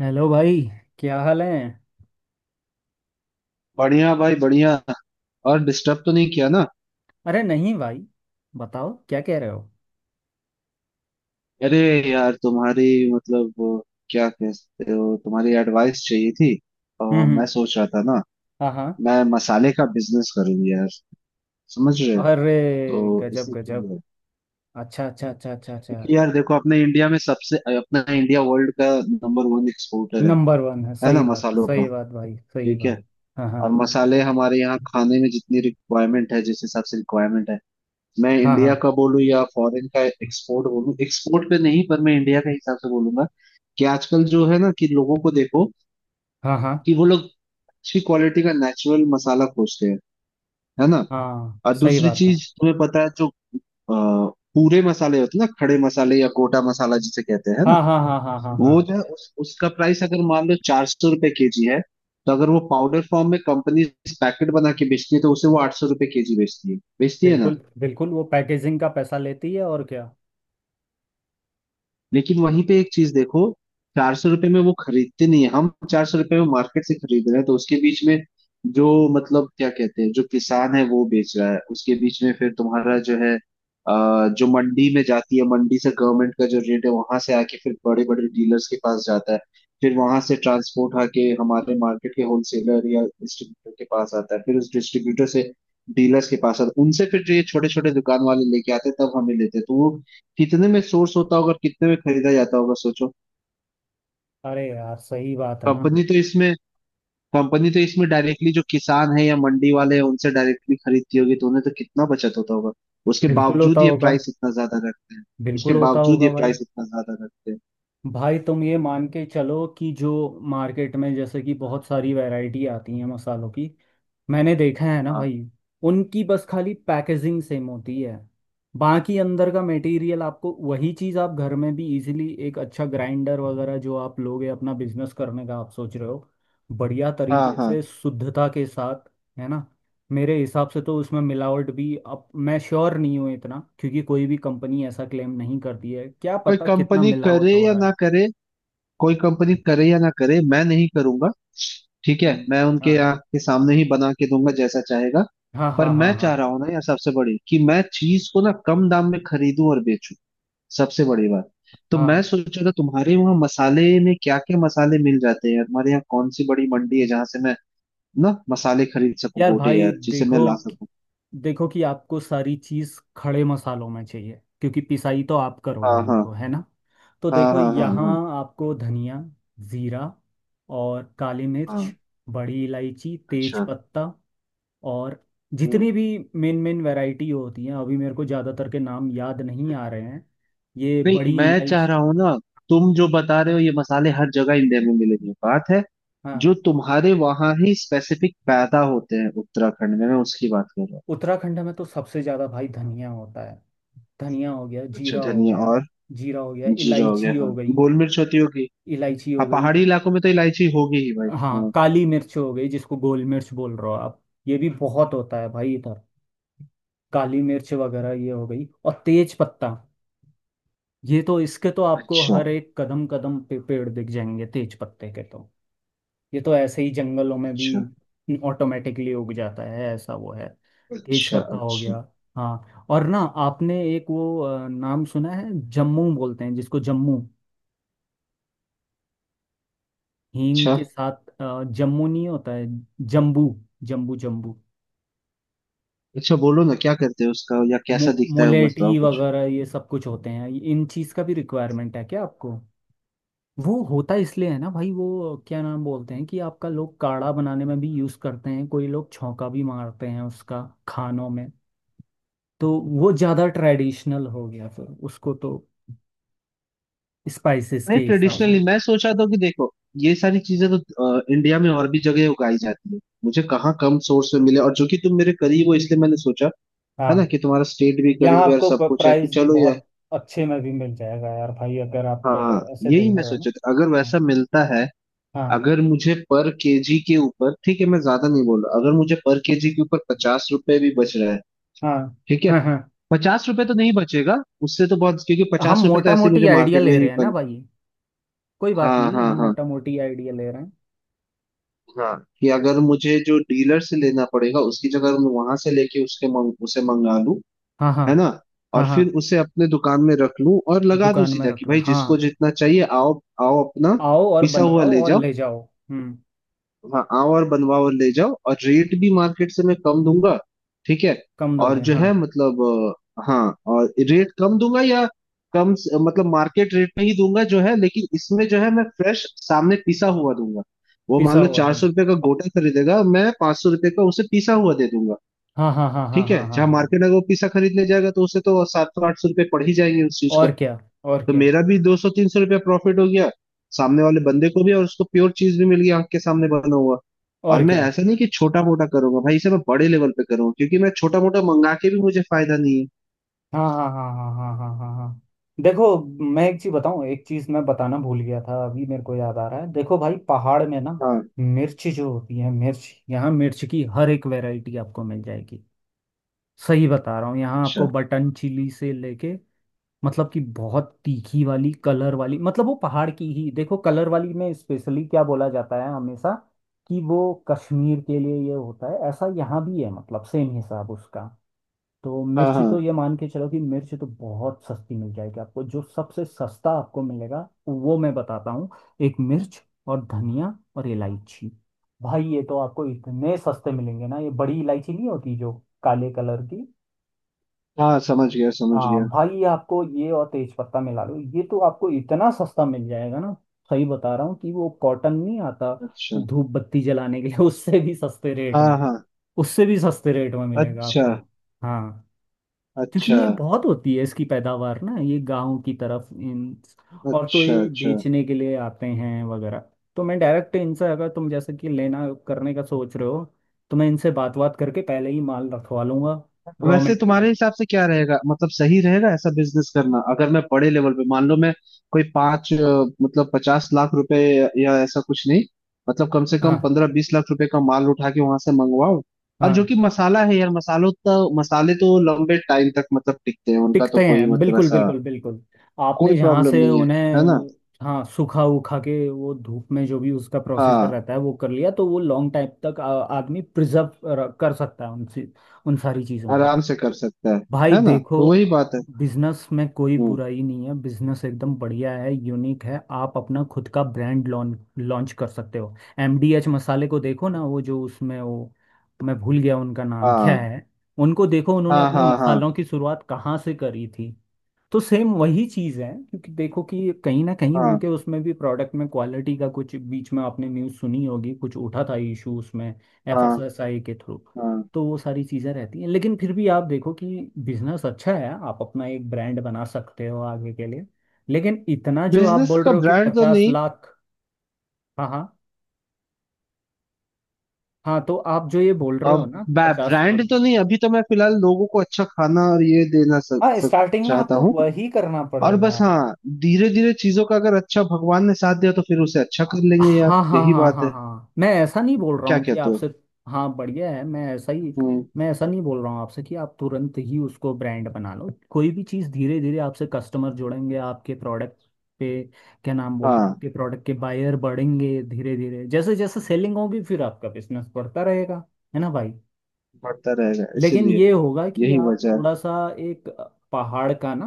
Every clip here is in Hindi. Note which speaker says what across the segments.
Speaker 1: हेलो भाई। क्या हाल है।
Speaker 2: बढ़िया भाई, बढ़िया। और डिस्टर्ब तो नहीं किया ना?
Speaker 1: अरे नहीं भाई, बताओ क्या कह रहे हो।
Speaker 2: अरे यार, तुम्हारी मतलब क्या कहते हो, तुम्हारी एडवाइस चाहिए थी।
Speaker 1: हम्म
Speaker 2: और मैं
Speaker 1: हम्म,
Speaker 2: सोच रहा था ना,
Speaker 1: हाँ हाँ।
Speaker 2: मैं मसाले का बिजनेस करूँ यार, समझ रहे हो।
Speaker 1: अरे
Speaker 2: तो
Speaker 1: गजब
Speaker 2: इसी के
Speaker 1: गजब।
Speaker 2: लिए,
Speaker 1: अच्छा अच्छा अच्छा अच्छा अच्छा।
Speaker 2: क्योंकि यार देखो, अपने इंडिया में सबसे अपना इंडिया वर्ल्ड का नंबर 1 एक्सपोर्टर है
Speaker 1: नंबर वन है,
Speaker 2: है ना, मसालों का।
Speaker 1: सही बात भाई सही
Speaker 2: ठीक है।
Speaker 1: बात। हाँ
Speaker 2: और
Speaker 1: हाँ
Speaker 2: मसाले हमारे यहाँ खाने में जितनी रिक्वायरमेंट है, जिस हिसाब से रिक्वायरमेंट है, मैं
Speaker 1: हाँ हाँ
Speaker 2: इंडिया का बोलूं या फॉरेन का एक्सपोर्ट बोलूं, एक्सपोर्ट पे नहीं, पर मैं इंडिया के हिसाब से बोलूंगा कि आजकल जो है ना, कि लोगों को देखो
Speaker 1: हाँ हाँ
Speaker 2: कि वो लोग अच्छी क्वालिटी का नेचुरल मसाला खोजते हैं, है ना।
Speaker 1: हाँ।
Speaker 2: और
Speaker 1: सही
Speaker 2: दूसरी
Speaker 1: बात है।
Speaker 2: चीज तुम्हें पता है, जो अ, पूरे मसाले होते हैं ना, खड़े मसाले या गोटा मसाला जिसे कहते हैं, है ना।
Speaker 1: हाँ हाँ हाँ हाँ हाँ हाँ।
Speaker 2: वो जो है उसका प्राइस अगर मान लो 400 रुपए/केजी है, तो अगर वो पाउडर फॉर्म में कंपनी पैकेट बना के बेचती है तो उसे वो 800 रुपए/केजी बेचती है, बेचती है ना।
Speaker 1: बिल्कुल बिल्कुल, वो पैकेजिंग का पैसा लेती है और क्या।
Speaker 2: लेकिन वहीं पे एक चीज देखो, 400 रुपये में वो खरीदते नहीं है, हम 400 रुपये में मार्केट से खरीद रहे हैं, तो उसके बीच में जो मतलब क्या कहते हैं, जो किसान है वो बेच रहा है, उसके बीच में फिर तुम्हारा जो है जो मंडी में जाती है, मंडी से गवर्नमेंट का जो रेट है वहां से आके फिर बड़े बड़े डीलर्स के पास जाता है, फिर वहां से ट्रांसपोर्ट आके हमारे मार्केट के होलसेलर या डिस्ट्रीब्यूटर के पास आता है, फिर उस डिस्ट्रीब्यूटर से डीलर्स के पास आता है, उनसे फिर ये छोटे छोटे दुकान वाले लेके आते हैं, तब हमें लेते हैं। तो वो कितने में सोर्स होता होगा और कितने में खरीदा जाता होगा, सोचो।
Speaker 1: अरे यार, सही बात है ना।
Speaker 2: कंपनी तो इसमें कंपनी तो इसमें डायरेक्टली जो किसान है या मंडी वाले हैं उनसे डायरेक्टली खरीदती होगी, तो उन्हें तो कितना बचत होता होगा। उसके
Speaker 1: बिल्कुल होता
Speaker 2: बावजूद ये
Speaker 1: होगा।
Speaker 2: प्राइस इतना ज्यादा रखते हैं उसके
Speaker 1: बिल्कुल होता
Speaker 2: बावजूद ये
Speaker 1: होगा भाई।
Speaker 2: प्राइस इतना ज्यादा रखते हैं।
Speaker 1: भाई तुम ये मान के चलो कि जो मार्केट में जैसे कि बहुत सारी वैरायटी आती है मसालों की। मैंने देखा है ना
Speaker 2: हाँ,
Speaker 1: भाई। उनकी बस खाली पैकेजिंग सेम होती है। बाकी अंदर का मटेरियल आपको वही चीज़, आप घर में भी इजीली एक अच्छा ग्राइंडर वगैरह जो आप लोगे, अपना बिजनेस करने का आप सोच रहे हो। बढ़िया
Speaker 2: हाँ,
Speaker 1: तरीके
Speaker 2: हाँ।
Speaker 1: से शुद्धता के साथ, है ना। मेरे हिसाब से तो उसमें मिलावट भी, अब मैं श्योर नहीं हूँ इतना क्योंकि कोई भी कंपनी ऐसा क्लेम नहीं करती है, क्या
Speaker 2: कोई
Speaker 1: पता कितना
Speaker 2: कंपनी
Speaker 1: मिलावट
Speaker 2: करे
Speaker 1: हो
Speaker 2: या
Speaker 1: रहा
Speaker 2: ना
Speaker 1: है।
Speaker 2: करे कोई कंपनी करे या ना करे, मैं नहीं करूंगा। ठीक है,
Speaker 1: हम्म,
Speaker 2: मैं उनके
Speaker 1: हाँ
Speaker 2: आंख के सामने ही बना के दूंगा, जैसा चाहेगा।
Speaker 1: हाँ
Speaker 2: पर
Speaker 1: हाँ हाँ
Speaker 2: मैं
Speaker 1: हाँ
Speaker 2: चाह रहा हूं ना यार, सबसे बड़ी कि मैं चीज को ना कम दाम में खरीदूं और बेचूं, सबसे बड़ी बात। तो मैं
Speaker 1: हाँ।
Speaker 2: सोच रहा था, तुम्हारे वहां मसाले में क्या क्या मसाले मिल जाते हैं यार, हमारे यहाँ कौन सी बड़ी मंडी है जहां से मैं ना मसाले खरीद सकूं,
Speaker 1: यार
Speaker 2: गोटे
Speaker 1: भाई
Speaker 2: यार, जिसे मैं
Speaker 1: देखो
Speaker 2: ला सकूं।
Speaker 1: देखो कि आपको सारी चीज़ खड़े मसालों में चाहिए क्योंकि पिसाई तो आप करोगे
Speaker 2: हाँ, हाँ,
Speaker 1: उनको, है ना। तो
Speaker 2: हाँ,
Speaker 1: देखो,
Speaker 2: हाँ, हाँ,
Speaker 1: यहाँ
Speaker 2: हाँ,
Speaker 1: आपको धनिया, जीरा और काली मिर्च,
Speaker 2: हाँ।
Speaker 1: बड़ी इलायची, तेज
Speaker 2: अच्छा।
Speaker 1: पत्ता और जितनी
Speaker 2: हम्म।
Speaker 1: भी मेन मेन वैरायटी होती हैं, अभी मेरे को ज़्यादातर के नाम याद नहीं आ रहे हैं। ये
Speaker 2: नहीं,
Speaker 1: बड़ी
Speaker 2: मैं चाह
Speaker 1: इलायची।
Speaker 2: रहा हूँ ना, तुम जो बता रहे हो ये मसाले हर जगह इंडिया में मिलेंगे, बात है
Speaker 1: हाँ,
Speaker 2: जो तुम्हारे वहां ही स्पेसिफिक पैदा होते हैं, उत्तराखंड में, मैं उसकी बात कर रहा हूँ।
Speaker 1: उत्तराखंड में तो सबसे ज्यादा भाई धनिया होता है। धनिया हो गया,
Speaker 2: अच्छा,
Speaker 1: जीरा हो
Speaker 2: धनिया
Speaker 1: गया।
Speaker 2: और
Speaker 1: जीरा हो गया,
Speaker 2: जीरा हो गया,
Speaker 1: इलायची
Speaker 2: हाँ।
Speaker 1: हो गई।
Speaker 2: गोल मिर्च होती होगी।
Speaker 1: इलायची हो
Speaker 2: हाँ,
Speaker 1: गई।
Speaker 2: पहाड़ी इलाकों में तो इलायची होगी ही भाई।
Speaker 1: हाँ,
Speaker 2: हाँ।
Speaker 1: काली मिर्च हो गई जिसको गोल मिर्च बोल रहे हो आप। ये भी बहुत होता है भाई इधर। काली मिर्च वगैरह ये हो गई, और तेज पत्ता। ये तो, इसके तो आपको
Speaker 2: अच्छा,
Speaker 1: हर एक कदम कदम पे पेड़ दिख जाएंगे तेज पत्ते के तो। ये तो ऐसे ही जंगलों में
Speaker 2: अच्छा,
Speaker 1: भी ऑटोमेटिकली उग जाता है, ऐसा वो है। तेज
Speaker 2: अच्छा, अच्छा,
Speaker 1: पत्ता हो
Speaker 2: अच्छा।
Speaker 1: गया। हाँ और ना, आपने एक वो नाम सुना है, जम्मू बोलते हैं जिसको, जम्मू हींग के साथ। जम्मू नहीं होता है, जम्बू। जम्बू जम्बू।
Speaker 2: अच्छा बोलो ना, क्या करते हो उसका या कैसा दिखता है वो, बताओ
Speaker 1: मोलेटी
Speaker 2: कुछ।
Speaker 1: वगैरह ये सब कुछ होते हैं, इन चीज का भी रिक्वायरमेंट है क्या आपको। वो होता इसलिए है ना भाई, वो क्या नाम बोलते हैं कि आपका, लोग काढ़ा बनाने में भी यूज करते हैं, कोई लोग छौंका भी मारते हैं उसका खानों में। तो वो ज्यादा ट्रेडिशनल हो गया फिर उसको तो, स्पाइसेस
Speaker 2: नहीं,
Speaker 1: के हिसाब से।
Speaker 2: ट्रेडिशनली मैं सोचा था कि देखो, ये सारी चीजें तो इंडिया में और भी जगह उगाई जाती है। मुझे कहाँ कम सोर्स में मिले, और जो कि तुम मेरे करीब हो, इसलिए मैंने सोचा, है ना,
Speaker 1: हाँ,
Speaker 2: कि तुम्हारा स्टेट भी
Speaker 1: यहाँ
Speaker 2: करीब है और
Speaker 1: आपको
Speaker 2: सब कुछ है, कि
Speaker 1: प्राइस भी
Speaker 2: चलो यार।
Speaker 1: बहुत अच्छे में भी मिल जाएगा यार भाई, अगर आप
Speaker 2: हाँ,
Speaker 1: ऐसे
Speaker 2: यही
Speaker 1: देख
Speaker 2: मैं
Speaker 1: रहे हो
Speaker 2: सोचा था, अगर
Speaker 1: ना।
Speaker 2: वैसा मिलता है।
Speaker 1: हाँ
Speaker 2: अगर मुझे पर केजी के ऊपर, ठीक है मैं ज्यादा नहीं बोल रहा, अगर मुझे पर केजी के ऊपर 50 रुपए भी बच रहा है,
Speaker 1: हाँ
Speaker 2: ठीक है।
Speaker 1: हाँ हाँ।
Speaker 2: पचास रुपए तो नहीं बचेगा, उससे तो बहुत, क्योंकि
Speaker 1: हम
Speaker 2: 50 रुपए तो
Speaker 1: मोटा
Speaker 2: ऐसे ही
Speaker 1: मोटी
Speaker 2: मुझे
Speaker 1: आइडिया
Speaker 2: मार्केट
Speaker 1: ले
Speaker 2: में ही
Speaker 1: रहे हैं ना
Speaker 2: बन।
Speaker 1: भाई, कोई बात
Speaker 2: हाँ,
Speaker 1: नहीं, हम
Speaker 2: हाँ, हाँ,
Speaker 1: मोटा मोटी आइडिया ले रहे हैं।
Speaker 2: हाँ। कि अगर मुझे जो डीलर से लेना पड़ेगा, उसकी जगह मैं वहां से लेके उसे मंगा लूं,
Speaker 1: हाँ हाँ
Speaker 2: है ना। और
Speaker 1: हाँ हाँ,
Speaker 2: फिर उसे अपने दुकान में रख लूं और लगा दूं
Speaker 1: दुकान में
Speaker 2: सीधा कि
Speaker 1: रख लो,
Speaker 2: भाई
Speaker 1: हाँ।
Speaker 2: जिसको जितना चाहिए आओ। आओ अपना
Speaker 1: आओ और
Speaker 2: पिसा हुआ
Speaker 1: बनवाओ
Speaker 2: ले
Speaker 1: और
Speaker 2: जाओ।
Speaker 1: ले जाओ। हम्म।
Speaker 2: हाँ, आओ और बनवाओ और ले जाओ, और रेट भी मार्केट से मैं कम दूंगा, ठीक है।
Speaker 1: कम
Speaker 2: और
Speaker 1: दोगे,
Speaker 2: जो
Speaker 1: हाँ।
Speaker 2: है, मतलब हाँ, और रेट कम दूंगा, या मतलब मार्केट रेट में ही दूंगा जो है, लेकिन इसमें जो है मैं फ्रेश सामने पिसा हुआ दूंगा। वो
Speaker 1: पिसा
Speaker 2: मान लो
Speaker 1: हुआ
Speaker 2: चार
Speaker 1: दोगे,
Speaker 2: सौ रुपये का गोटा खरीदेगा, मैं 500 रुपये का उसे पिसा हुआ दे दूंगा।
Speaker 1: हाँ हाँ हाँ हाँ
Speaker 2: ठीक है,
Speaker 1: हाँ हाँ
Speaker 2: जहाँ
Speaker 1: हाँ।
Speaker 2: मार्केट में वो पिसा खरीदने जाएगा तो उसे तो 700-800 रुपये पड़ ही जाएंगे उस चीज का।
Speaker 1: और क्या। और
Speaker 2: तो
Speaker 1: क्या।
Speaker 2: मेरा भी 200-300 रुपया प्रॉफिट हो गया, सामने वाले बंदे को भी, और उसको प्योर चीज भी मिल गई, आंख के सामने बना हुआ। और
Speaker 1: और
Speaker 2: मैं
Speaker 1: क्या।
Speaker 2: ऐसा नहीं कि छोटा मोटा करूंगा भाई, इसे मैं बड़े लेवल पे करूंगा, क्योंकि मैं छोटा मोटा मंगा के भी मुझे फायदा नहीं है।
Speaker 1: हाँ हाँ हाँ हाँ हाँ हाँ हाँ हाँ। देखो, मैं एक चीज बताऊं, एक चीज मैं बताना भूल गया था, अभी मेरे को याद आ रहा है। देखो भाई, पहाड़ में ना,
Speaker 2: हाँ।
Speaker 1: मिर्च जो होती है, मिर्च, यहाँ मिर्च की हर एक वैरायटी आपको मिल जाएगी। सही बता रहा हूँ, यहाँ आपको
Speaker 2: अच्छा।
Speaker 1: बटन चिली से लेके, मतलब कि बहुत तीखी वाली, कलर वाली, मतलब वो पहाड़ की ही, देखो कलर वाली में स्पेशली क्या बोला जाता है हमेशा कि वो, कश्मीर के लिए ये होता है ऐसा, यहाँ भी है मतलब, सेम हिसाब उसका। तो
Speaker 2: हाँ,
Speaker 1: मिर्च तो,
Speaker 2: हाँ,
Speaker 1: ये मान के चलो कि मिर्च तो बहुत सस्ती मिल जाएगी आपको। जो सबसे सस्ता आपको मिलेगा वो मैं बताता हूँ। एक मिर्च, और धनिया, और इलायची। भाई ये तो आपको इतने सस्ते मिलेंगे ना। ये बड़ी इलायची नहीं होती जो काले कलर की,
Speaker 2: हाँ। समझ गया, समझ
Speaker 1: हाँ
Speaker 2: गया।
Speaker 1: भाई, ये आपको, ये और तेज पत्ता मिला लो, ये तो आपको इतना सस्ता मिल जाएगा ना। सही बता रहा हूँ, कि वो कॉटन नहीं आता
Speaker 2: अच्छा।
Speaker 1: धूप बत्ती जलाने के लिए उससे भी सस्ते रेट
Speaker 2: हाँ,
Speaker 1: में,
Speaker 2: हाँ।
Speaker 1: उससे भी सस्ते रेट में मिलेगा
Speaker 2: अच्छा,
Speaker 1: आपको। हाँ, क्योंकि
Speaker 2: अच्छा,
Speaker 1: ये बहुत होती है इसकी पैदावार ना, ये गांव की तरफ इन, और तो
Speaker 2: अच्छा,
Speaker 1: ये
Speaker 2: अच्छा।
Speaker 1: बेचने के लिए आते हैं वगैरह। तो मैं डायरेक्ट इनसे, अगर तुम जैसे कि लेना करने का सोच रहे हो, तो मैं इनसे बात बात करके पहले ही माल रखवा लूंगा, रॉ
Speaker 2: वैसे तुम्हारे
Speaker 1: मटेरियल।
Speaker 2: हिसाब से क्या रहेगा, मतलब सही रहेगा ऐसा बिजनेस करना, अगर मैं बड़े लेवल पे, मान लो मैं कोई मतलब 50 लाख रुपए, या ऐसा कुछ नहीं, मतलब कम से कम
Speaker 1: हाँ
Speaker 2: 15-20 लाख रुपए का माल उठा के वहां से मंगवाओ। और जो
Speaker 1: हाँ,
Speaker 2: कि मसाला है यार, मसालों, तो मसाले तो लंबे टाइम तक मतलब टिकते हैं, उनका तो
Speaker 1: टिकते
Speaker 2: कोई
Speaker 1: हैं,
Speaker 2: मतलब
Speaker 1: बिल्कुल
Speaker 2: ऐसा
Speaker 1: बिल्कुल बिल्कुल।
Speaker 2: कोई
Speaker 1: आपने जहाँ
Speaker 2: प्रॉब्लम
Speaker 1: से
Speaker 2: नहीं है, है ना।
Speaker 1: उन्हें, हाँ, सूखा उखा के वो धूप में जो भी उसका प्रोसीजर
Speaker 2: हाँ,
Speaker 1: रहता है वो कर लिया, तो वो लॉन्ग टाइम तक आदमी प्रिजर्व कर सकता है उन उन सारी चीज़ों को।
Speaker 2: आराम से कर सकता है
Speaker 1: भाई
Speaker 2: है ना,
Speaker 1: देखो,
Speaker 2: तो वही बात है।
Speaker 1: बिजनेस में कोई
Speaker 2: हम्म।
Speaker 1: बुराई नहीं है, बिजनेस एकदम बढ़िया है, यूनिक है, आप अपना खुद का ब्रांड लॉन्च लॉन्च कर सकते हो। एमडीएच मसाले को देखो ना, वो जो उसमें वो, मैं भूल गया उनका नाम क्या
Speaker 2: हाँ,
Speaker 1: है। उनको देखो, उन्होंने
Speaker 2: हाँ,
Speaker 1: अपने
Speaker 2: हाँ, हाँ,
Speaker 1: मसालों की शुरुआत कहाँ से करी थी। तो सेम वही चीज़ है, क्योंकि देखो कि कहीं ना कहीं
Speaker 2: हाँ,
Speaker 1: उनके उसमें भी, प्रोडक्ट में क्वालिटी का कुछ, बीच में आपने न्यूज़ सुनी होगी, कुछ उठा था इशू उसमें,
Speaker 2: हाँ,
Speaker 1: एफएसएसआई के थ्रू।
Speaker 2: हाँ।
Speaker 1: तो वो सारी चीज़ें रहती हैं, लेकिन फिर भी आप देखो कि बिजनेस अच्छा है, आप अपना एक ब्रांड बना सकते हो आगे के लिए। लेकिन इतना जो आप
Speaker 2: बिजनेस
Speaker 1: बोल
Speaker 2: का
Speaker 1: रहे हो कि
Speaker 2: ब्रांड तो
Speaker 1: पचास
Speaker 2: नहीं।
Speaker 1: लाख हाँ हाँ। हाँ, तो आप जो ये बोल रहे हो
Speaker 2: अब,
Speaker 1: ना, पचास
Speaker 2: ब्रांड
Speaker 1: लाख
Speaker 2: तो नहीं अभी तो मैं फिलहाल लोगों को अच्छा खाना और ये देना सक,
Speaker 1: हाँ,
Speaker 2: सक,
Speaker 1: स्टार्टिंग में
Speaker 2: चाहता
Speaker 1: आपको
Speaker 2: हूँ
Speaker 1: वही करना
Speaker 2: और बस।
Speaker 1: पड़ेगा।
Speaker 2: हाँ, धीरे धीरे चीजों का, अगर अच्छा भगवान ने साथ दिया तो फिर उसे अच्छा कर लेंगे यार,
Speaker 1: हाँ हाँ
Speaker 2: यही
Speaker 1: हाँ
Speaker 2: बात
Speaker 1: हाँ
Speaker 2: है।
Speaker 1: हाँ, मैं ऐसा नहीं बोल रहा
Speaker 2: क्या
Speaker 1: हूँ कि
Speaker 2: कहते हो।
Speaker 1: आपसे, हाँ बढ़िया है, मैं ऐसा ही,
Speaker 2: हम्म।
Speaker 1: मैं ऐसा नहीं बोल रहा हूँ आपसे कि आप तुरंत ही उसको ब्रांड बना लो। कोई भी चीज़ धीरे धीरे, आपसे कस्टमर जुड़ेंगे आपके प्रोडक्ट पे, क्या नाम बोलते हैं,
Speaker 2: हाँ,
Speaker 1: आपके प्रोडक्ट के बायर बढ़ेंगे धीरे धीरे, जैसे जैसे सेलिंग होगी फिर आपका बिजनेस बढ़ता रहेगा, है ना भाई।
Speaker 2: बढ़ता रहेगा,
Speaker 1: लेकिन
Speaker 2: इसीलिए
Speaker 1: ये होगा कि
Speaker 2: यही
Speaker 1: आप
Speaker 2: वजह है।
Speaker 1: थोड़ा सा एक पहाड़ का ना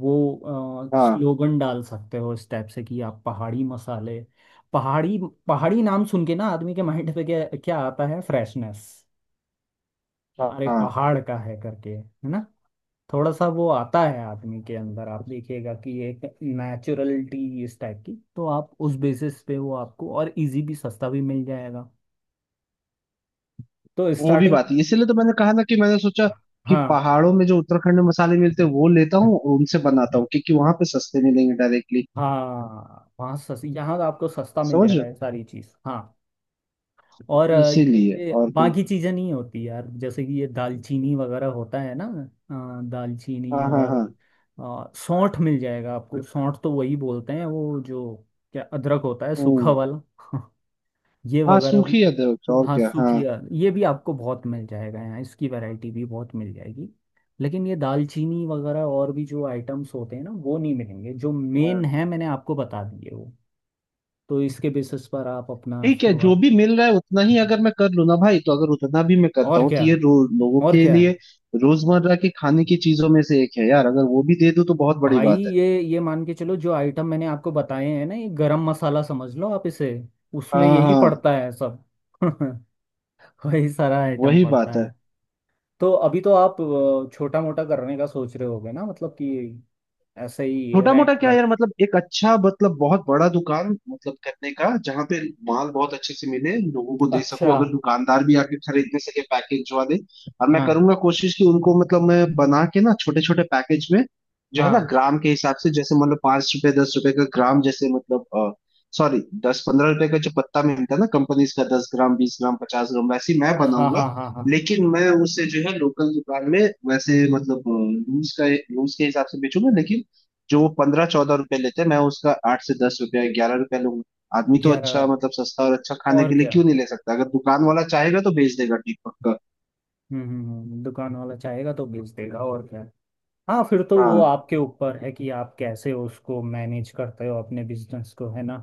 Speaker 1: वो
Speaker 2: हाँ,
Speaker 1: स्लोगन डाल सकते हो, इस टाइप से कि आप पहाड़ी मसाले, पहाड़ी, पहाड़ी नाम सुन के ना आदमी के माइंड पे क्या क्या आता है, फ्रेशनेस,
Speaker 2: हाँ,
Speaker 1: अरे
Speaker 2: हाँ।
Speaker 1: पहाड़ का है करके, है ना। थोड़ा सा वो आता है आदमी के अंदर, आप देखिएगा, कि एक नेचुरलिटी इस टाइप की। तो आप उस बेसिस पे वो आपको और इजी भी, सस्ता भी मिल जाएगा, तो
Speaker 2: वो भी
Speaker 1: स्टार्टिंग।
Speaker 2: बात है, इसीलिए तो मैंने कहा ना कि मैंने सोचा कि पहाड़ों में जो उत्तराखंड में मसाले मिलते
Speaker 1: हाँ
Speaker 2: हैं वो लेता हूँ और उनसे बनाता हूँ, क्योंकि वहां पे सस्ते मिलेंगे डायरेक्टली।
Speaker 1: हाँ, वहाँ सस यहाँ तो आपको सस्ता मिल
Speaker 2: समझ
Speaker 1: जाएगा,
Speaker 2: रहे
Speaker 1: ये सारी चीज़, हाँ। और
Speaker 2: हो? इसीलिए।
Speaker 1: ये
Speaker 2: और कोई।
Speaker 1: बाकी चीज़ें नहीं होती यार, जैसे कि ये दालचीनी वगैरह होता है ना, दालचीनी
Speaker 2: हाँ, हाँ,
Speaker 1: और
Speaker 2: हाँ।
Speaker 1: सौंठ मिल जाएगा आपको। सौंठ तो वही बोलते हैं वो जो, क्या, अदरक होता है सूखा
Speaker 2: हम्म।
Speaker 1: वाला ये
Speaker 2: हाँ,
Speaker 1: वगैरह भी।
Speaker 2: सूखी अदरक और
Speaker 1: हाँ
Speaker 2: क्या, हाँ।
Speaker 1: सूखी, ये भी आपको बहुत मिल जाएगा यहाँ, इसकी वैरायटी भी बहुत मिल जाएगी। लेकिन ये दालचीनी वगैरह और भी जो आइटम्स होते हैं ना, वो नहीं मिलेंगे। जो मेन
Speaker 2: हाँ,
Speaker 1: है मैंने आपको बता दिए वो, तो इसके बेसिस पर आप अपना
Speaker 2: ठीक है, जो
Speaker 1: शुरुआत,
Speaker 2: भी मिल रहा है उतना ही अगर मैं कर लूँ ना भाई, तो अगर उतना भी मैं करता
Speaker 1: और
Speaker 2: हूँ,
Speaker 1: क्या,
Speaker 2: तो ये लोगों
Speaker 1: और
Speaker 2: के
Speaker 1: क्या।
Speaker 2: लिए रोजमर्रा के खाने की चीजों में से एक है यार, अगर वो भी दे दूँ तो बहुत बड़ी
Speaker 1: भाई,
Speaker 2: बात है।
Speaker 1: ये मान के चलो जो आइटम मैंने आपको बताए हैं ना, ये गरम मसाला समझ लो आप इसे, उसमें
Speaker 2: हाँ,
Speaker 1: यही
Speaker 2: हाँ,
Speaker 1: पड़ता है सब वही सारा आइटम
Speaker 2: वही
Speaker 1: पड़ता
Speaker 2: बात है।
Speaker 1: है। तो अभी तो आप छोटा मोटा करने का सोच रहे होगे ना, मतलब कि ऐसे ही
Speaker 2: छोटा मोटा
Speaker 1: रेंट
Speaker 2: क्या
Speaker 1: वेंट,
Speaker 2: यार, मतलब एक अच्छा, मतलब बहुत बड़ा दुकान मतलब करने का जहां पे माल बहुत अच्छे से मिले, लोगों को दे
Speaker 1: अच्छा।
Speaker 2: सको, अगर दुकानदार भी आके खरीदने सके पैकेज वाले। और मैं
Speaker 1: हाँ
Speaker 2: करूंगा कोशिश कि उनको, मतलब मैं बना के ना छोटे छोटे पैकेज में जो है ना,
Speaker 1: हाँ
Speaker 2: ग्राम के हिसाब से, जैसे मतलब 5 रुपए 10 रुपए का ग्राम, जैसे मतलब सॉरी 10-15 रुपए का जो पत्ता मिलता है ना कंपनीज का, 10 ग्राम 20 ग्राम 50 ग्राम, वैसे ही मैं
Speaker 1: हाँ
Speaker 2: बनाऊंगा।
Speaker 1: हाँ हाँ हाँ।
Speaker 2: लेकिन मैं उसे जो है लोकल दुकान में वैसे, मतलब रूल्स के हिसाब से बेचूंगा, लेकिन जो वो 15-14 रुपए लेते हैं मैं उसका 8 से 10 रुपया 11 रुपया लूंगा। आदमी तो
Speaker 1: 11,
Speaker 2: अच्छा, मतलब सस्ता और अच्छा खाने
Speaker 1: और
Speaker 2: के लिए
Speaker 1: क्या।
Speaker 2: क्यों नहीं ले सकता, अगर दुकान वाला चाहेगा तो बेच देगा, ठीक, पक्का।
Speaker 1: दुकान वाला चाहेगा तो बेच देगा, और क्या। हाँ, फिर तो वो
Speaker 2: हाँ,
Speaker 1: आपके ऊपर है कि आप कैसे उसको मैनेज करते हो अपने बिजनेस को, है ना।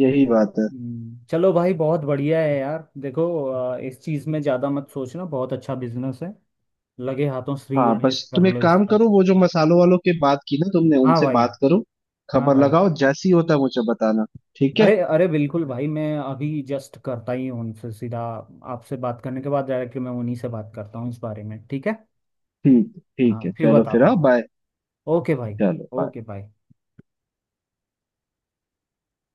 Speaker 2: यही बात है।
Speaker 1: चलो भाई, बहुत बढ़िया है यार, देखो इस चीज़ में ज़्यादा मत सोचना, बहुत अच्छा बिजनेस है, लगे हाथों श्री
Speaker 2: हाँ, बस
Speaker 1: गणेश कर
Speaker 2: तुम एक
Speaker 1: लो
Speaker 2: काम
Speaker 1: इसका।
Speaker 2: करो, वो जो मसालों वालों के बात की ना तुमने,
Speaker 1: हाँ
Speaker 2: उनसे
Speaker 1: भाई।
Speaker 2: बात करो,
Speaker 1: हाँ
Speaker 2: खबर
Speaker 1: भाई।
Speaker 2: लगाओ जैसी होता है मुझे बताना। ठीक
Speaker 1: अरे
Speaker 2: है
Speaker 1: अरे, बिल्कुल भाई, मैं अभी जस्ट करता ही हूँ उनसे सीधा, आपसे बात करने के बाद डायरेक्टली मैं उन्हीं से बात करता हूँ इस बारे में। ठीक है,
Speaker 2: ठीक है
Speaker 1: हाँ
Speaker 2: ठीक है,
Speaker 1: फिर
Speaker 2: चलो फिर।
Speaker 1: बताता
Speaker 2: हाँ,
Speaker 1: हूँ।
Speaker 2: बाय।
Speaker 1: ओके भाई।
Speaker 2: चलो bye।
Speaker 1: ओके भाई।